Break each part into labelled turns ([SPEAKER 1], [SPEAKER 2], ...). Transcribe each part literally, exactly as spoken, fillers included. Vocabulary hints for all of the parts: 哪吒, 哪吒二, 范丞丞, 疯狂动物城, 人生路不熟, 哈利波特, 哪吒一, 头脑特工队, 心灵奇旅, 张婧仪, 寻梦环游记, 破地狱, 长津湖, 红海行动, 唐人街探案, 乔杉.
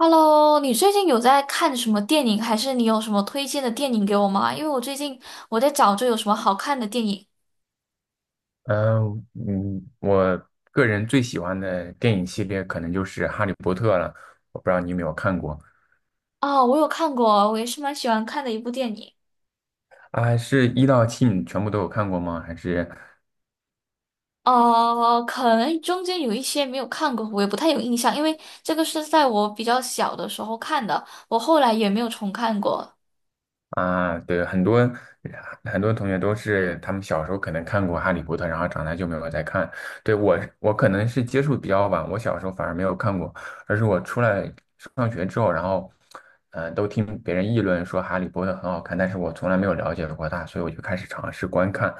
[SPEAKER 1] Hello，你最近有在看什么电影，还是你有什么推荐的电影给我吗？因为我最近我在找着有什么好看的电影
[SPEAKER 2] 嗯嗯，我个人最喜欢的电影系列可能就是《哈利波特》了，我不知道你有没有看过。
[SPEAKER 1] 啊，我有看过，我也是蛮喜欢看的一部电影。
[SPEAKER 2] 啊？是一到七你全部都有看过吗？还是
[SPEAKER 1] 呃，可能中间有一些没有看过，我也不太有印象，因为这个是在我比较小的时候看的，我后来也没有重看过。
[SPEAKER 2] 啊？对，很多很多同学都是他们小时候可能看过《哈利波特》，然后长大就没有再看。对，我，我可能是接触比较晚，我小时候反而没有看过，而是我出来上学之后，然后呃，都听别人议论说《哈利波特》很好看，但是我从来没有了解过它，所以我就开始尝试观看。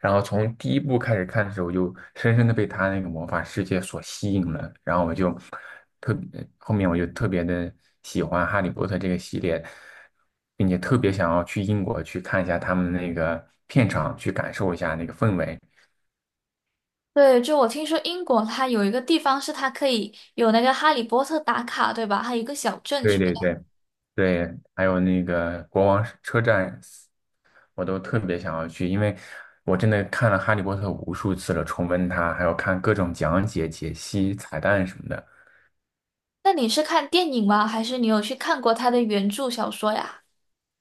[SPEAKER 2] 然后从第一部开始看的时候，我就深深的被他那个魔法世界所吸引了，然后我就特别，后面我就特别的喜欢《哈利波特》这个系列，并且特别想要去英国去看一下他们那个片场，去感受一下那个氛围。
[SPEAKER 1] 对，就我听说英国它有一个地方是它可以有那个哈利波特打卡，对吧？还有一个小镇
[SPEAKER 2] 对
[SPEAKER 1] 什么
[SPEAKER 2] 对
[SPEAKER 1] 的。
[SPEAKER 2] 对对，还有那个国王车站，我都特别想要去，因为我真的看了《哈利波特》无数次了，重温它，还有看各种讲解、解析、彩蛋什么的。
[SPEAKER 1] 那你是看电影吗？还是你有去看过它的原著小说呀？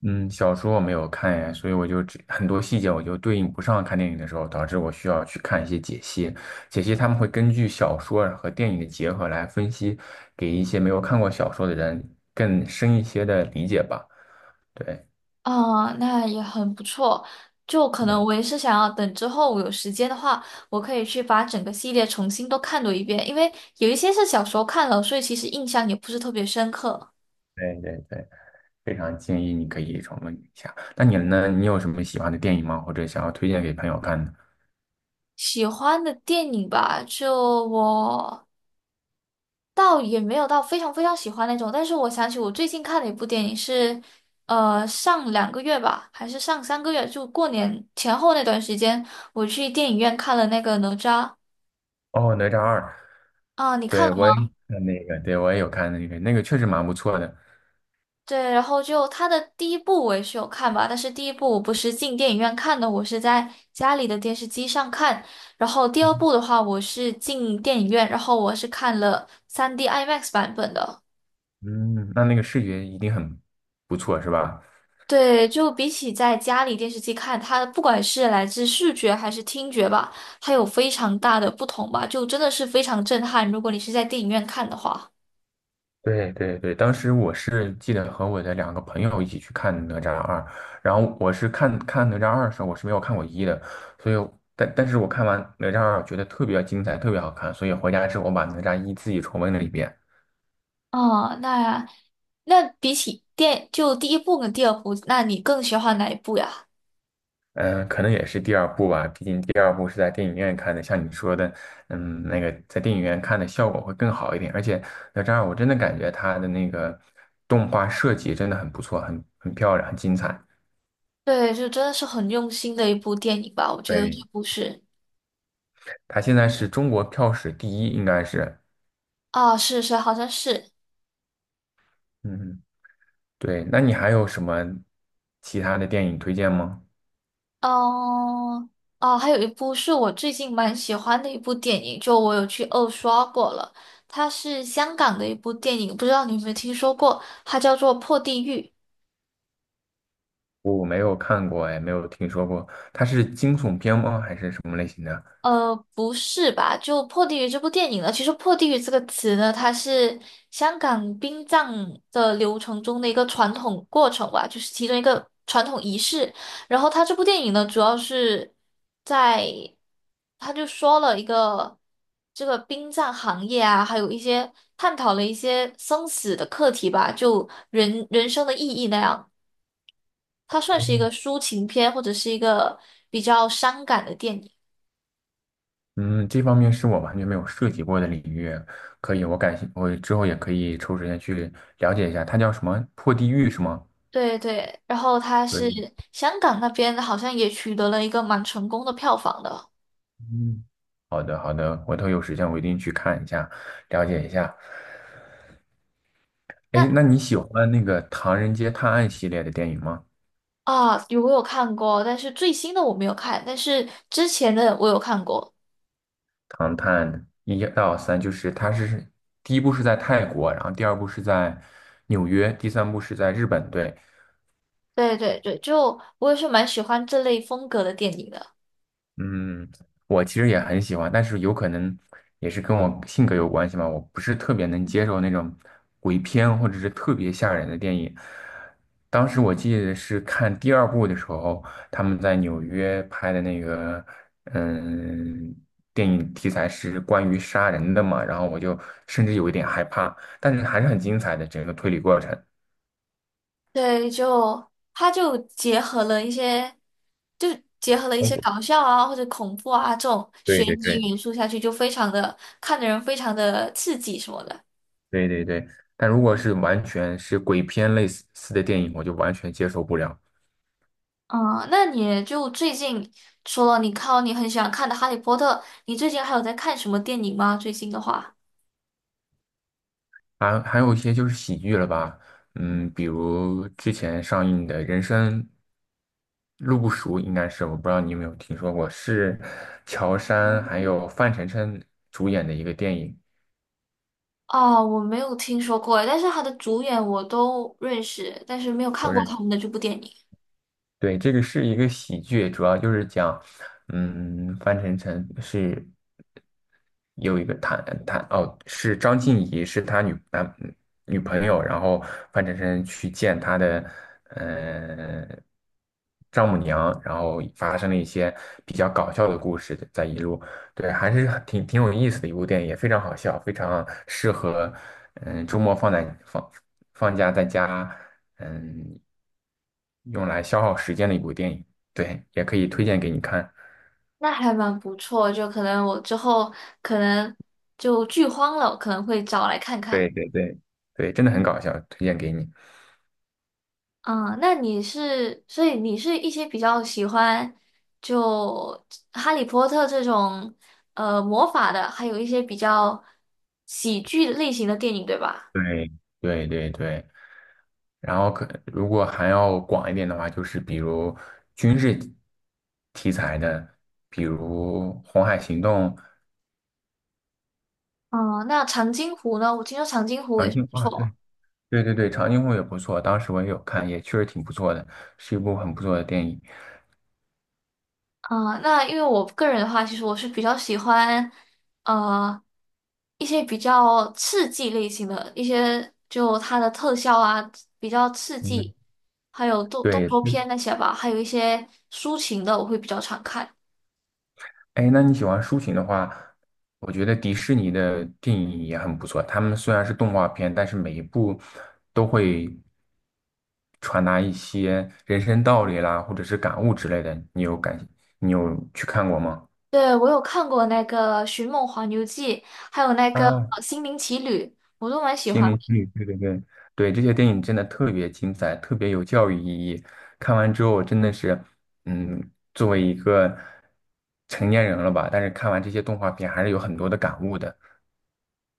[SPEAKER 2] 嗯，小说我没有看呀，所以我就只很多细节我就对应不上看电影的时候，导致我需要去看一些解析。解析他们会根据小说和电影的结合来分析，给一些没有看过小说的人更深一些的理解吧。对，
[SPEAKER 1] 啊，那也很不错。就可
[SPEAKER 2] 对，
[SPEAKER 1] 能我也是想要等之后我有时间的话，我可以去把整个系列重新都看多一遍，因为有一些是小时候看了，所以其实印象也不是特别深刻。
[SPEAKER 2] 对，对，对，非常建议你可以重温一下。那你呢？你有什么喜欢的电影吗？或者想要推荐给朋友看的？
[SPEAKER 1] 喜欢的电影吧，就我倒也没有到非常非常喜欢那种，但是我想起我最近看的一部电影是，呃，上两个月吧，还是上三个月，就过年前后那段时间，我去电影院看了那个哪吒
[SPEAKER 2] 哦，《哪吒二》，
[SPEAKER 1] 啊，你看？
[SPEAKER 2] 对，我也
[SPEAKER 1] 了？
[SPEAKER 2] 看那个，对，我也有看那个，那个确实蛮不错的。
[SPEAKER 1] 对，然后就它的第一部我也是有看吧，但是第一部我不是进电影院看的，我是在家里的电视机上看。然后第二部的话，我是进电影院，然后我是看了 三 D IMAX 版本的。
[SPEAKER 2] 嗯，那那个视觉一定很不错，是吧？
[SPEAKER 1] 对，就比起在家里电视机看，它不管是来自视觉还是听觉吧，它有非常大的不同吧，就真的是非常震撼。如果你是在电影院看的话，
[SPEAKER 2] 对对对，当时我是记得和我的两个朋友一起去看《哪吒二》，然后我是看看《哪吒二》的时候，我是没有看过一的，所以但但是我看完《哪吒二》，觉得特别精彩，特别好看，所以回家之后我把《哪吒一》自己重温了一遍。
[SPEAKER 1] 哦，那那比起电就第一部跟第二部，那你更喜欢哪一部呀？
[SPEAKER 2] 嗯、呃可能也是第二部吧，毕竟第二部是在电影院看的，像你说的，嗯，那个在电影院看的效果会更好一点。而且哪吒二，我真的感觉它的那个动画设计真的很不错，很很漂亮，很精彩。
[SPEAKER 1] 对，就真的是很用心的一部电影吧，我觉得这
[SPEAKER 2] 对，
[SPEAKER 1] 部是
[SPEAKER 2] 它现在是中国票史第一，应该是。
[SPEAKER 1] 啊，是是，好像是，
[SPEAKER 2] 嗯，对。那你还有什么其他的电影推荐吗？
[SPEAKER 1] 嗯，啊，还有一部是我最近蛮喜欢的一部电影，就我有去二刷过了，它是香港的一部电影，不知道你有没有听说过，它叫做《破地狱》。
[SPEAKER 2] 我没有看过，哎，没有听说过。它是惊悚片吗？还是什么类型的？
[SPEAKER 1] 呃，不是吧？就《破地狱》这部电影呢，其实“破地狱”这个词呢，它是香港殡葬的流程中的一个传统过程吧，就是其中一个传统仪式。然后它这部电影呢，主要是在，他就说了一个这个殡葬行业啊，还有一些探讨了一些生死的课题吧，就人人生的意义那样。它算是一个抒情片，或者是一个比较伤感的电影。
[SPEAKER 2] 嗯，这方面是我完全没有涉及过的领域，可以，我感兴，我之后也可以抽时间去了解一下，它叫什么？破地狱是吗？
[SPEAKER 1] 对对，然后他
[SPEAKER 2] 可
[SPEAKER 1] 是
[SPEAKER 2] 以，
[SPEAKER 1] 香港那边好像也取得了一个蛮成功的票房的。
[SPEAKER 2] 嗯，好的，好的，回头有时间我一定去看一下，了解一下。哎，
[SPEAKER 1] 那
[SPEAKER 2] 那你喜欢那个《唐人街探案》系列的电影吗？
[SPEAKER 1] 啊，有我有看过，但是最新的我没有看，但是之前的我有看过。
[SPEAKER 2] 《唐探一到三》就是它是第一部是在泰国，然后第二部是在纽约，第三部是在日本，对。
[SPEAKER 1] 对对对，就我也是蛮喜欢这类风格的电影的。
[SPEAKER 2] 嗯，我其实也很喜欢，但是有可能也是跟我性格有关系嘛。我不是特别能接受那种鬼片或者是特别吓人的电影。当时我记得是看第二部的时候，他们在纽约拍的那个，嗯，电影题材是关于杀人的嘛，然后我就甚至有一点害怕，但是还是很精彩的整个推理过程。
[SPEAKER 1] 对，就它就结合了一些，就结合了一
[SPEAKER 2] 通
[SPEAKER 1] 些
[SPEAKER 2] 过
[SPEAKER 1] 搞笑啊或者恐怖啊这种
[SPEAKER 2] 对
[SPEAKER 1] 悬
[SPEAKER 2] 对对
[SPEAKER 1] 疑元素下去，就非常的看的人非常的刺激什么的。
[SPEAKER 2] 对对对，但如果是完全是鬼片类似的电影，我就完全接受不了。
[SPEAKER 1] 嗯，那你就最近除了你看你很喜欢看的《哈利波特》，你最近还有在看什么电影吗？最近的话，
[SPEAKER 2] 还还有一些就是喜剧了吧，嗯，比如之前上映的《人生路不熟》，应该是我不知道你有没有听说过，是乔杉还有范丞丞主演的一个电影。
[SPEAKER 1] 哦，我没有听说过，但是他的主演我都认识，但是没有
[SPEAKER 2] 都
[SPEAKER 1] 看过
[SPEAKER 2] 认
[SPEAKER 1] 他
[SPEAKER 2] 识。
[SPEAKER 1] 们的这部电影，
[SPEAKER 2] 对，这个是一个喜剧，主要就是讲，嗯，范丞丞是有一个谈谈哦，是张婧仪是他女男女朋友，然后范丞丞去见他的嗯丈母娘，然后发生了一些比较搞笑的故事在一路，对，还是很挺挺有意思的一部电影，也非常好笑，非常适合嗯周末放在放放假在家。嗯，用来消耗时间的一部电影。对，也可以推荐给你看。
[SPEAKER 1] 那还蛮不错，就可能我之后可能就剧荒了，我可能会找来看看。
[SPEAKER 2] 对对对对，真的很搞笑，推荐给你。
[SPEAKER 1] 嗯，那你是，所以你是一些比较喜欢就哈利波特这种呃魔法的，还有一些比较喜剧类型的电影，对吧？
[SPEAKER 2] 对对对对，然后可如果还要广一点的话，就是比如军事题材的，比如《红海行动》
[SPEAKER 1] 嗯，那长津湖呢？我听说长津湖也
[SPEAKER 2] 《长
[SPEAKER 1] 是不
[SPEAKER 2] 津湖》啊，对
[SPEAKER 1] 错。
[SPEAKER 2] 对对对，《长津湖》也不错，当时我也有看，也确实挺不错的，是一部很不错的电影。
[SPEAKER 1] 啊、那因为我个人的话，其实我是比较喜欢，呃，一些比较刺激类型的，一些就它的特效啊比较刺
[SPEAKER 2] 嗯，
[SPEAKER 1] 激，还有动动
[SPEAKER 2] 对，
[SPEAKER 1] 作片那些吧，还有一些抒情的，我会比较常看。
[SPEAKER 2] 哎，那你喜欢抒情的话，我觉得迪士尼的电影也很不错。他们虽然是动画片，但是每一部都会传达一些人生道理啦，或者是感悟之类的。你有感，你有去看过吗？
[SPEAKER 1] 对，我有看过那个《寻梦环游记》，还有那个
[SPEAKER 2] 啊，
[SPEAKER 1] 呃心灵奇旅》，我都蛮喜
[SPEAKER 2] 心
[SPEAKER 1] 欢。
[SPEAKER 2] 灵心理，对对对，对，这些电影真的特别精彩，特别有教育意义。看完之后，我真的是，嗯，作为一个成年人了吧，但是看完这些动画片，还是有很多的感悟的。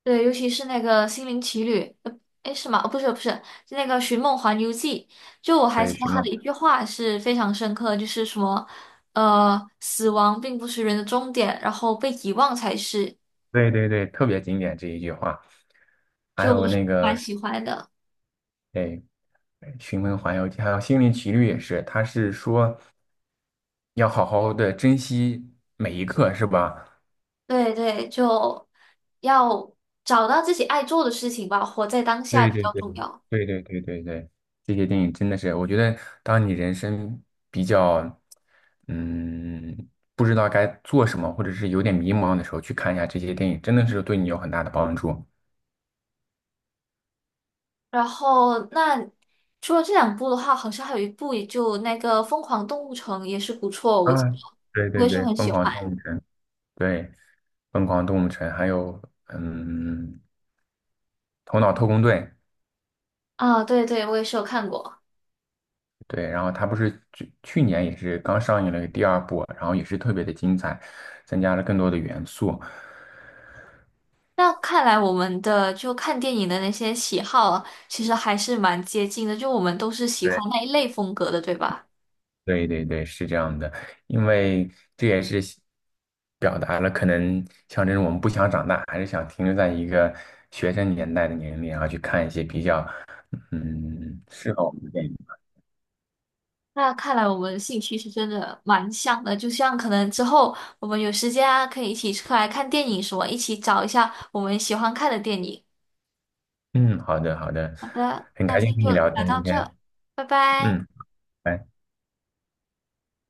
[SPEAKER 1] 对，尤其是那个《心灵奇旅》，呃，哎，是吗？哦，不是，不是，是那个《寻梦环游记》。就我还
[SPEAKER 2] 对，
[SPEAKER 1] 记得
[SPEAKER 2] 徐
[SPEAKER 1] 他的
[SPEAKER 2] 梦。
[SPEAKER 1] 一句话是非常深刻的，就是什么，呃，死亡并不是人的终点，然后被遗忘才是。
[SPEAKER 2] 对对对，特别经典这一句话。还
[SPEAKER 1] 就
[SPEAKER 2] 有
[SPEAKER 1] 我是
[SPEAKER 2] 那
[SPEAKER 1] 蛮
[SPEAKER 2] 个，
[SPEAKER 1] 喜欢的。
[SPEAKER 2] 哎，《寻梦环游记》，还有《心灵奇旅》也是，他是说要好好的珍惜每一刻，是吧？
[SPEAKER 1] 对对，就要找到自己爱做的事情吧，活在当下
[SPEAKER 2] 对
[SPEAKER 1] 比
[SPEAKER 2] 对
[SPEAKER 1] 较
[SPEAKER 2] 对
[SPEAKER 1] 重要。
[SPEAKER 2] 对对对对对，这些电影真的是，我觉得当你人生比较，嗯，不知道该做什么，或者是有点迷茫的时候，去看一下这些电影，真的是对你有很大的帮助。
[SPEAKER 1] 然后，那除了这两部的话，好像还有一部，也就那个《疯狂动物城》也是不错，我
[SPEAKER 2] 啊！
[SPEAKER 1] 记得
[SPEAKER 2] 对
[SPEAKER 1] 我
[SPEAKER 2] 对
[SPEAKER 1] 也是
[SPEAKER 2] 对，
[SPEAKER 1] 很
[SPEAKER 2] 《疯
[SPEAKER 1] 喜
[SPEAKER 2] 狂
[SPEAKER 1] 欢。
[SPEAKER 2] 动物城》对，疯狂动物城，还有嗯，头脑特工队，
[SPEAKER 1] 啊，对对，我也是有看过。
[SPEAKER 2] 对，然后它不是去去年也是刚上映了第二部，然后也是特别的精彩，增加了更多的元素。
[SPEAKER 1] 那看来我们的就看电影的那些喜好啊其实还是蛮接近的，就我们都是喜
[SPEAKER 2] 对，
[SPEAKER 1] 欢那一类风格的，对吧？
[SPEAKER 2] 对对对，是这样的，因为这也是表达了可能像这种我们不想长大，还是想停留在一个学生年代的年龄，然后去看一些比较嗯适合我们的电影。
[SPEAKER 1] 那看来我们兴趣是真的蛮像的，就像可能之后我们有时间啊，可以一起出来看电影什么，一起找一下我们喜欢看的电影。
[SPEAKER 2] 嗯，好的好的，
[SPEAKER 1] 好的，
[SPEAKER 2] 很
[SPEAKER 1] 那
[SPEAKER 2] 开
[SPEAKER 1] 今
[SPEAKER 2] 心
[SPEAKER 1] 天
[SPEAKER 2] 跟你
[SPEAKER 1] 就
[SPEAKER 2] 聊
[SPEAKER 1] 聊
[SPEAKER 2] 天
[SPEAKER 1] 到
[SPEAKER 2] 今
[SPEAKER 1] 这，
[SPEAKER 2] 天，
[SPEAKER 1] 拜拜。
[SPEAKER 2] 嗯。拜。